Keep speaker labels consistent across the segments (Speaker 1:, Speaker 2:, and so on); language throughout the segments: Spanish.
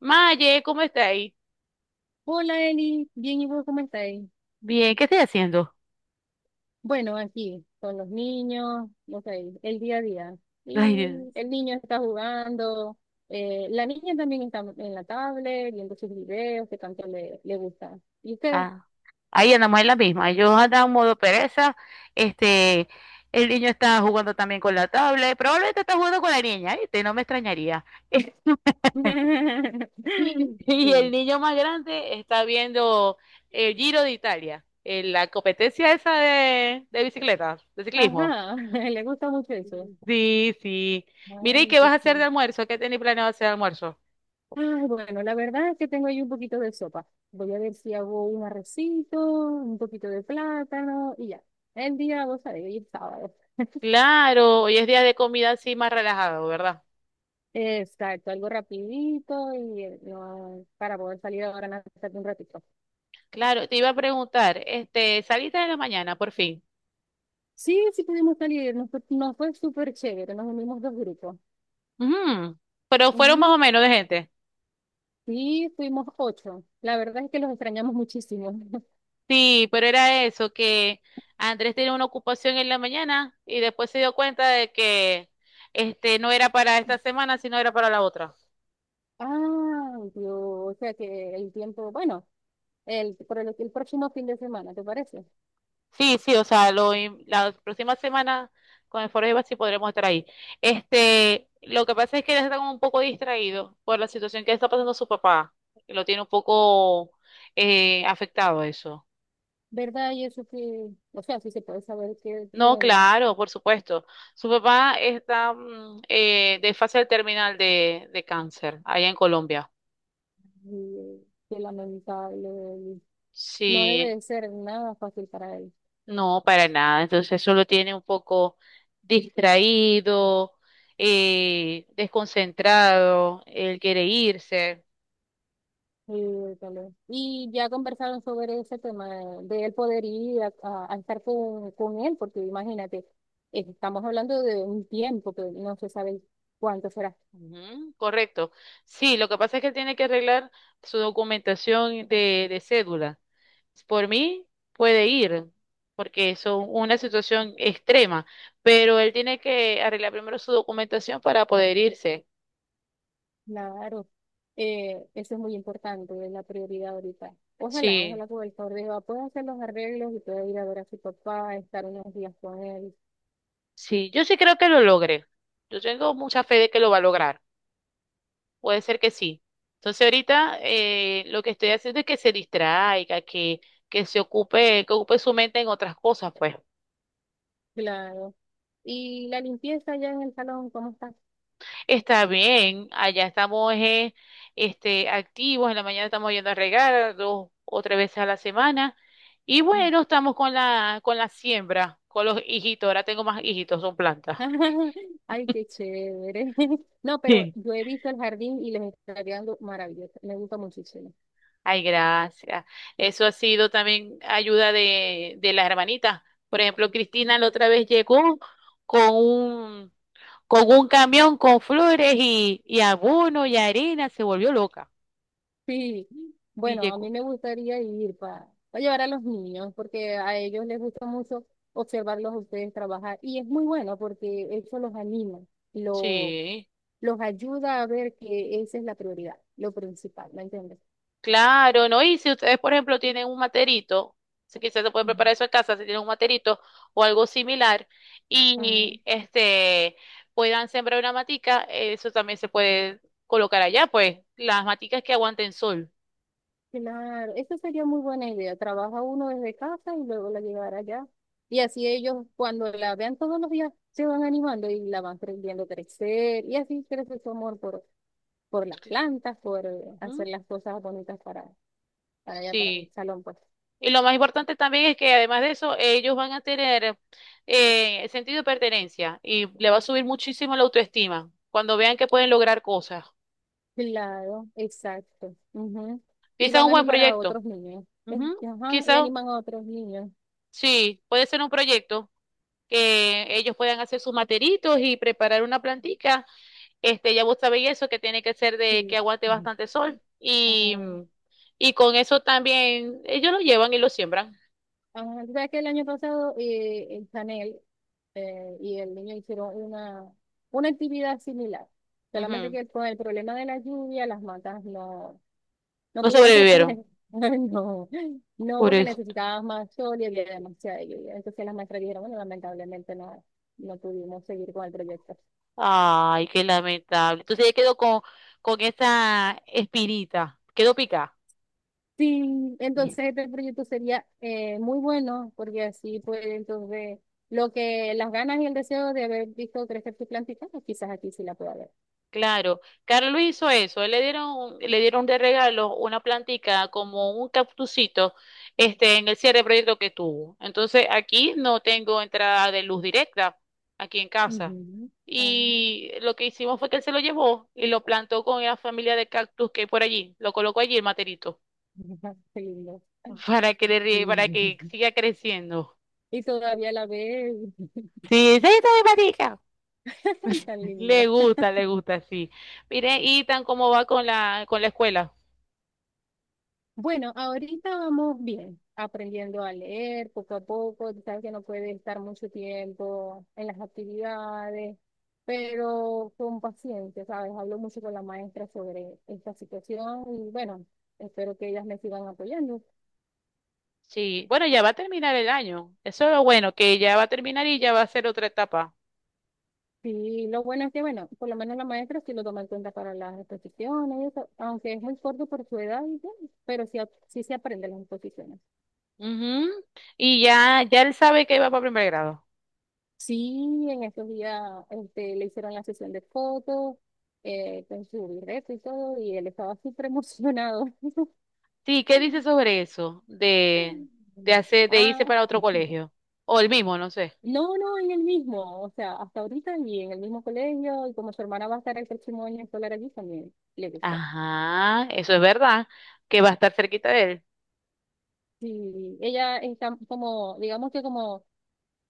Speaker 1: Maye, ¿cómo está ahí?
Speaker 2: Hola Eli, bien y vos, ¿cómo estáis?
Speaker 1: Bien, ¿qué estoy haciendo?
Speaker 2: Bueno, aquí con los niños, no sé, el día a día.
Speaker 1: Ay,
Speaker 2: Y
Speaker 1: Dios.
Speaker 2: el niño está jugando, la niña también está en la tablet viendo sus videos que tanto le gusta. ¿Y usted?
Speaker 1: Ah, ahí andamos en la misma. Yo andaba en modo pereza. Este, el niño está jugando también con la tablet. Probablemente está jugando con la niña, ¿viste? No me extrañaría. Y el
Speaker 2: Sí.
Speaker 1: niño más grande está viendo el Giro de Italia, la competencia esa de bicicletas, de ciclismo.
Speaker 2: Ajá, le gusta mucho eso.
Speaker 1: Sí, sí. Mire, ¿y
Speaker 2: Ay,
Speaker 1: qué vas
Speaker 2: sí,
Speaker 1: a
Speaker 2: sí.
Speaker 1: hacer de almuerzo? ¿Qué tenés planeado hacer de almuerzo?
Speaker 2: Ay, bueno, la verdad es que tengo ahí un poquito de sopa. Voy a ver si hago un arrocito, un poquito de plátano y ya. El día, vos sabés, hoy es sábado.
Speaker 1: Claro, hoy es día de comida así más relajado, ¿verdad?
Speaker 2: Exacto, algo rapidito y no, para poder salir ahora en hasta un ratito.
Speaker 1: Claro, te iba a preguntar, saliste de la mañana, por fin.
Speaker 2: Sí, sí pudimos salir, nos fue súper chévere, nos unimos dos grupos.
Speaker 1: Ujú. Pero fueron más o
Speaker 2: Ujú.
Speaker 1: menos de gente.
Speaker 2: Sí, fuimos ocho. La verdad es que los extrañamos muchísimo.
Speaker 1: Sí, pero era eso, que Andrés tenía una ocupación en la mañana y después se dio cuenta de que este no era para esta semana, sino era para la otra.
Speaker 2: Ah, Dios, o sea que el tiempo, bueno, el próximo fin de semana, ¿te parece?
Speaker 1: Sí, sí, o sea, la próxima semana con el Foro Ibar sí podremos estar ahí. Este, lo que pasa es que él está como un poco distraído por la situación que está pasando su papá. Lo tiene un poco afectado eso.
Speaker 2: ¿Verdad? Y eso que, o sea, sí se puede saber qué
Speaker 1: No,
Speaker 2: tiene,
Speaker 1: claro, por supuesto. Su papá está de fase terminal de cáncer allá en Colombia.
Speaker 2: y, qué lamentable, y no debe
Speaker 1: Sí,
Speaker 2: de ser nada fácil para él.
Speaker 1: no, para nada. Entonces eso lo tiene un poco distraído, desconcentrado. Él quiere irse.
Speaker 2: Sí, tal vez. Y ya conversaron sobre ese tema de él poder ir a estar con él, porque imagínate, estamos hablando de un tiempo que no se sabe cuánto será.
Speaker 1: Ujú, correcto. Sí, lo que pasa es que él tiene que arreglar su documentación de cédula. Por mí puede ir, porque es una situación extrema, pero él tiene que arreglar primero su documentación para poder irse.
Speaker 2: Claro, eso es muy importante, es la prioridad ahorita. Ojalá,
Speaker 1: Sí,
Speaker 2: ojalá con el favor de Jehová pueda hacer los arreglos y pueda ir a ver a su papá, estar unos días con él.
Speaker 1: sí, yo sí creo que lo logre. Yo tengo mucha fe de que lo va a lograr. Puede ser que sí. Entonces ahorita lo que estoy haciendo es que se distraiga, que se ocupe, que ocupe su mente en otras cosas, pues.
Speaker 2: Claro. Y la limpieza ya en el salón, ¿cómo está?
Speaker 1: Está bien, allá estamos activos, en la mañana estamos yendo a regar dos o tres veces a la semana y bueno, estamos con la siembra, con los hijitos, ahora tengo más hijitos, son plantas.
Speaker 2: Ay, qué chévere. No, pero
Speaker 1: Sí.
Speaker 2: yo he visto el jardín y les está quedando maravilloso. Me gusta muchísimo.
Speaker 1: Ay, gracias. Eso ha sido también ayuda de las hermanitas. Por ejemplo, Cristina la otra vez llegó con un, con un camión con flores y abono y arena, se volvió loca.
Speaker 2: Sí.
Speaker 1: Y
Speaker 2: Bueno, a mí
Speaker 1: llegó.
Speaker 2: me gustaría ir para llevar a los niños, porque a ellos les gusta mucho observarlos a ustedes trabajar. Y es muy bueno porque eso los anima, lo,
Speaker 1: Sí.
Speaker 2: los ayuda a ver que esa es la prioridad, lo principal, ¿me entiendes?
Speaker 1: Claro, ¿no? Y si ustedes, por ejemplo, tienen un materito, si quizás se puede
Speaker 2: Mm.
Speaker 1: preparar eso en casa, si tienen un materito o algo similar,
Speaker 2: Ah,
Speaker 1: y este puedan sembrar una matica, eso también se puede colocar allá, pues, las maticas que aguanten sol.
Speaker 2: claro, esa sería muy buena idea. Trabaja uno desde casa y luego la llevará allá. Y así ellos, cuando la vean todos los días, se van animando y la van viendo crecer. Y así crece su amor por las plantas, por hacer
Speaker 1: Ujú.
Speaker 2: las cosas bonitas para allá, para el
Speaker 1: Sí.
Speaker 2: salón, pues.
Speaker 1: Y lo más importante también es que además de eso, ellos van a tener sentido de pertenencia y le va a subir muchísimo la autoestima cuando vean que pueden lograr cosas.
Speaker 2: Claro, exacto. Ujú. Y
Speaker 1: Quizás
Speaker 2: van
Speaker 1: un
Speaker 2: a
Speaker 1: buen
Speaker 2: animar a
Speaker 1: proyecto.
Speaker 2: otros niños. Eh,
Speaker 1: Ujú.
Speaker 2: Ajá, y
Speaker 1: Quizás
Speaker 2: animan a otros niños.
Speaker 1: sí, puede ser un proyecto que ellos puedan hacer sus materitos y preparar una plantica. Este, ya vos sabéis eso, que tiene que ser de que
Speaker 2: Sí.
Speaker 1: aguante
Speaker 2: Ujú.
Speaker 1: bastante sol. Y,
Speaker 2: Ah,
Speaker 1: y con eso también ellos lo llevan y lo siembran.
Speaker 2: ajá, tú sabes que el año pasado el Chanel y el niño hicieron una actividad similar. Solamente
Speaker 1: Ujú.
Speaker 2: que con el problema de la lluvia, las matas no, no
Speaker 1: No
Speaker 2: pudieron crecer.
Speaker 1: sobrevivieron
Speaker 2: No, no,
Speaker 1: por
Speaker 2: porque
Speaker 1: esto.
Speaker 2: necesitaban más sol y había demasiada lluvia. Entonces las maestras dijeron, bueno, lamentablemente no, no pudimos seguir con el proyecto.
Speaker 1: Ay, qué lamentable. Entonces ya quedó con esa espinita. Quedó picada.
Speaker 2: Sí, entonces este proyecto sería muy bueno, porque así pues entonces lo que las ganas y el deseo de haber visto crecer sus plantitas pues quizás aquí sí la pueda ver.
Speaker 1: Claro, Carlos hizo eso, él le dieron, le dieron de regalo una plantica como un cactusito, en el cierre de proyecto que tuvo. Entonces aquí no tengo entrada de luz directa, aquí en casa.
Speaker 2: Ujú. Ah,
Speaker 1: Y lo que hicimos fue que él se lo llevó y lo plantó con la familia de cactus que hay por allí, lo colocó allí el materito,
Speaker 2: qué lindo.
Speaker 1: para que para que
Speaker 2: Sí.
Speaker 1: siga creciendo.
Speaker 2: Y todavía la ves.
Speaker 1: Sí, sí, está mi platica.
Speaker 2: Ay, tan lindo.
Speaker 1: Le gusta, sí. Mire, y tan como va con la escuela.
Speaker 2: Bueno, ahorita vamos bien, aprendiendo a leer poco a poco. Tú sabes que no puede estar mucho tiempo en las actividades, pero con paciencia, ¿sabes? Hablo mucho con la maestra sobre esta situación y bueno, espero que ellas me sigan apoyando.
Speaker 1: Sí, bueno, ya va a terminar el año. Eso es lo bueno, que ya va a terminar y ya va a ser otra etapa.
Speaker 2: Y lo bueno es que, bueno, por lo menos la maestra sí lo toma en cuenta para las exposiciones, y eso, aunque es muy corto por su edad, y todo, pero sí, sí se aprende las exposiciones.
Speaker 1: Ujú. Y ya, ya él sabe que va para primer grado.
Speaker 2: Sí, en estos días este, le hicieron la sesión de fotos con su birrete y todo, y él estaba súper emocionado.
Speaker 1: Sí, ¿qué dice sobre eso? De hacer, de irse
Speaker 2: Ah,
Speaker 1: para otro colegio. O el mismo, no sé.
Speaker 2: no, no, en el mismo, o sea, hasta ahorita y en el mismo colegio, y como su hermana va a estar el próximo año escolar allí, también le gusta.
Speaker 1: Ajá, eso es verdad, que va a estar cerquita de él.
Speaker 2: Sí, ella está como, digamos que como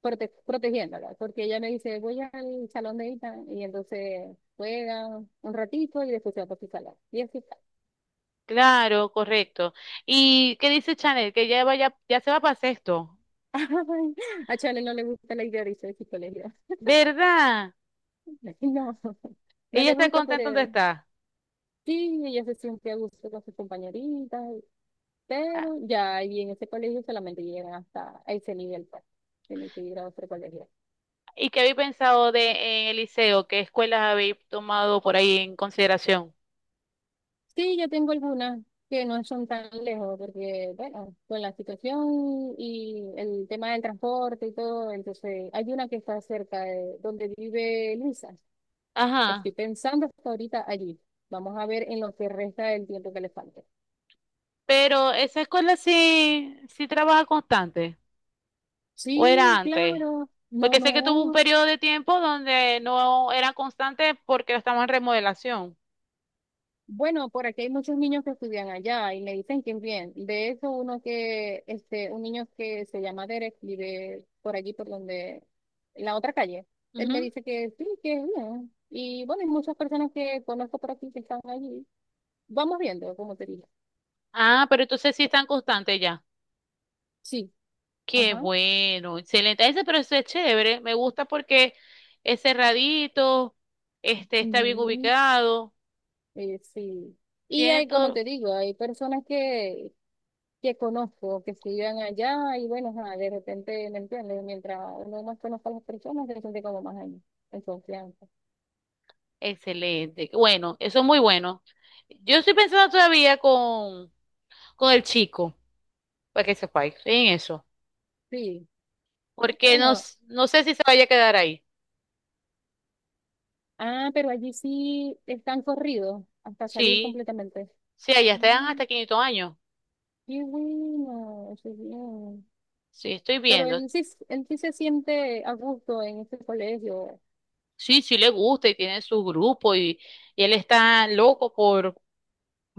Speaker 2: protegiéndola, porque ella me dice, voy al salón de Ita, y entonces juegan un ratito y después se va para su salón. Y así,
Speaker 1: Claro, correcto. ¿Y qué dice Chanel? Que ya vaya, ya se va para sexto.
Speaker 2: ay, a Chale no le gusta la idea de irse de psicología.
Speaker 1: ¿Verdad?
Speaker 2: No, no
Speaker 1: Ella
Speaker 2: le
Speaker 1: está
Speaker 2: gusta,
Speaker 1: contenta donde
Speaker 2: pero
Speaker 1: está.
Speaker 2: sí, ella se siente a gusto con sus compañeritas, pero ya ahí en ese colegio solamente llegan hasta ese nivel, pues, tiene que ir a otro colegio.
Speaker 1: ¿Y qué habéis pensado de en el liceo? ¿Qué escuelas habéis tomado por ahí en consideración?
Speaker 2: Sí, yo tengo algunas que no son tan lejos, porque, bueno, con la situación y el tema del transporte y todo, entonces hay una que está cerca de donde vive Luisa.
Speaker 1: Ajá.
Speaker 2: Estoy pensando hasta ahorita allí. Vamos a ver en lo que resta del tiempo que le falte.
Speaker 1: Pero esa escuela sí, sí trabaja constante, o era
Speaker 2: Sí,
Speaker 1: antes.
Speaker 2: claro. No,
Speaker 1: Porque sé que tuvo un
Speaker 2: no.
Speaker 1: periodo de tiempo donde no era constante porque estaba en remodelación.
Speaker 2: Bueno, por aquí hay muchos niños que estudian allá y me dicen que bien. De hecho, uno que, este, un niño que se llama Derek vive por allí, por donde, en la otra calle. Él me
Speaker 1: Ujú.
Speaker 2: dice que sí, que es bien. Y bueno, hay muchas personas que conozco por aquí que están allí. Vamos viendo, como te digo.
Speaker 1: Ah, pero entonces sí están constantes ya.
Speaker 2: Sí.
Speaker 1: Qué
Speaker 2: Ajá.
Speaker 1: bueno, excelente. Ese proceso es chévere, me gusta porque es cerradito, está bien
Speaker 2: Ujú.
Speaker 1: ubicado,
Speaker 2: Sí. Y
Speaker 1: tiene
Speaker 2: hay, como
Speaker 1: todo.
Speaker 2: te digo, hay personas que conozco, que se iban allá y bueno, ajá, de repente, ¿me entiendes? Mientras uno más conozca a las personas, se siente como más en confianza.
Speaker 1: Excelente. Bueno, eso es muy bueno. Yo estoy pensando todavía con el chico, para que sepa en eso,
Speaker 2: Sí,
Speaker 1: porque no,
Speaker 2: bueno,
Speaker 1: no sé si se vaya a quedar ahí.
Speaker 2: ah, pero allí sí están corridos hasta salir
Speaker 1: Sí,
Speaker 2: completamente.
Speaker 1: sí, allá están
Speaker 2: Mm,
Speaker 1: hasta 500 años.
Speaker 2: qué bueno, qué bien.
Speaker 1: Sí, estoy
Speaker 2: Pero
Speaker 1: viendo.
Speaker 2: él sí se siente a gusto en este colegio.
Speaker 1: Sí, sí le gusta y tiene su grupo y él está loco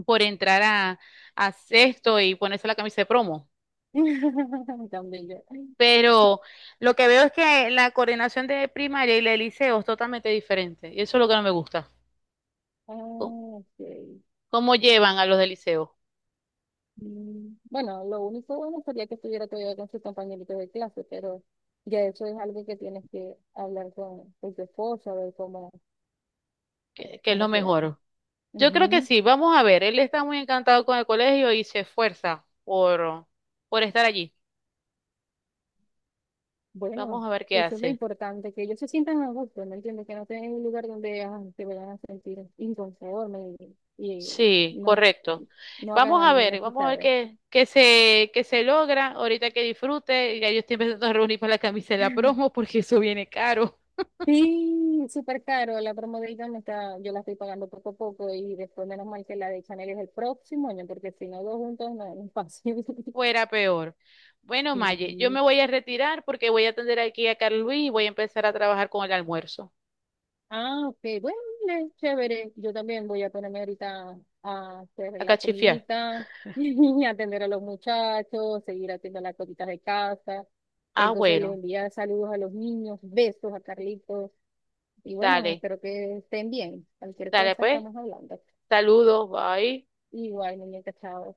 Speaker 1: por entrar a sexto y ponerse la camisa de promo.
Speaker 2: Tan bello. Sí.
Speaker 1: Pero lo que veo es que la coordinación de primaria y la de liceo es totalmente diferente y eso es lo que no me gusta.
Speaker 2: Ah, ok.
Speaker 1: Cómo llevan a los del liceo,
Speaker 2: Mm, bueno, lo único bueno sería que estuviera todavía con sus compañeritos de clase, pero ya eso es algo que tienes que hablar con tu esposo, a ver cómo,
Speaker 1: que es lo
Speaker 2: cómo se da.
Speaker 1: mejor. Yo creo que
Speaker 2: Ujú.
Speaker 1: sí, vamos a ver, él está muy encantado con el colegio y se esfuerza por estar allí.
Speaker 2: Bueno,
Speaker 1: Vamos a ver qué
Speaker 2: eso es lo
Speaker 1: hace.
Speaker 2: importante, que ellos se sientan a gusto, ¿me entiendes? Que no estén en un lugar donde ah, se vayan a sentir inconformes y, y
Speaker 1: Sí,
Speaker 2: no,
Speaker 1: correcto.
Speaker 2: no hagan amigas,
Speaker 1: Vamos a ver
Speaker 2: ¿sabes?
Speaker 1: qué, qué se logra, ahorita que disfrute, ya yo estoy empezando a reunir para la camisa de la promo porque eso viene caro,
Speaker 2: Sí, súper caro. La promo de Avon está, yo la estoy pagando poco a poco y después menos mal que la de Chanel es el próximo año, porque si no, dos juntos no es fácil.
Speaker 1: fuera peor. Bueno,
Speaker 2: Sí.
Speaker 1: Maye, yo me voy a retirar porque voy a atender aquí a Carlos Luis y voy a empezar a trabajar con el almuerzo.
Speaker 2: Ah, ok, bueno, es chévere. Yo también voy a ponerme ahorita a hacer
Speaker 1: A
Speaker 2: la
Speaker 1: cachifiar.
Speaker 2: comidita, y atender a los muchachos, seguir haciendo las cositas de casa.
Speaker 1: Ah,
Speaker 2: Entonces les
Speaker 1: bueno,
Speaker 2: envía saludos a los niños, besos a Carlitos y bueno,
Speaker 1: dale.
Speaker 2: espero que estén bien. Cualquier
Speaker 1: Dale
Speaker 2: cosa
Speaker 1: pues,
Speaker 2: estamos hablando.
Speaker 1: saludos, bye.
Speaker 2: Igual, muñeca, chao.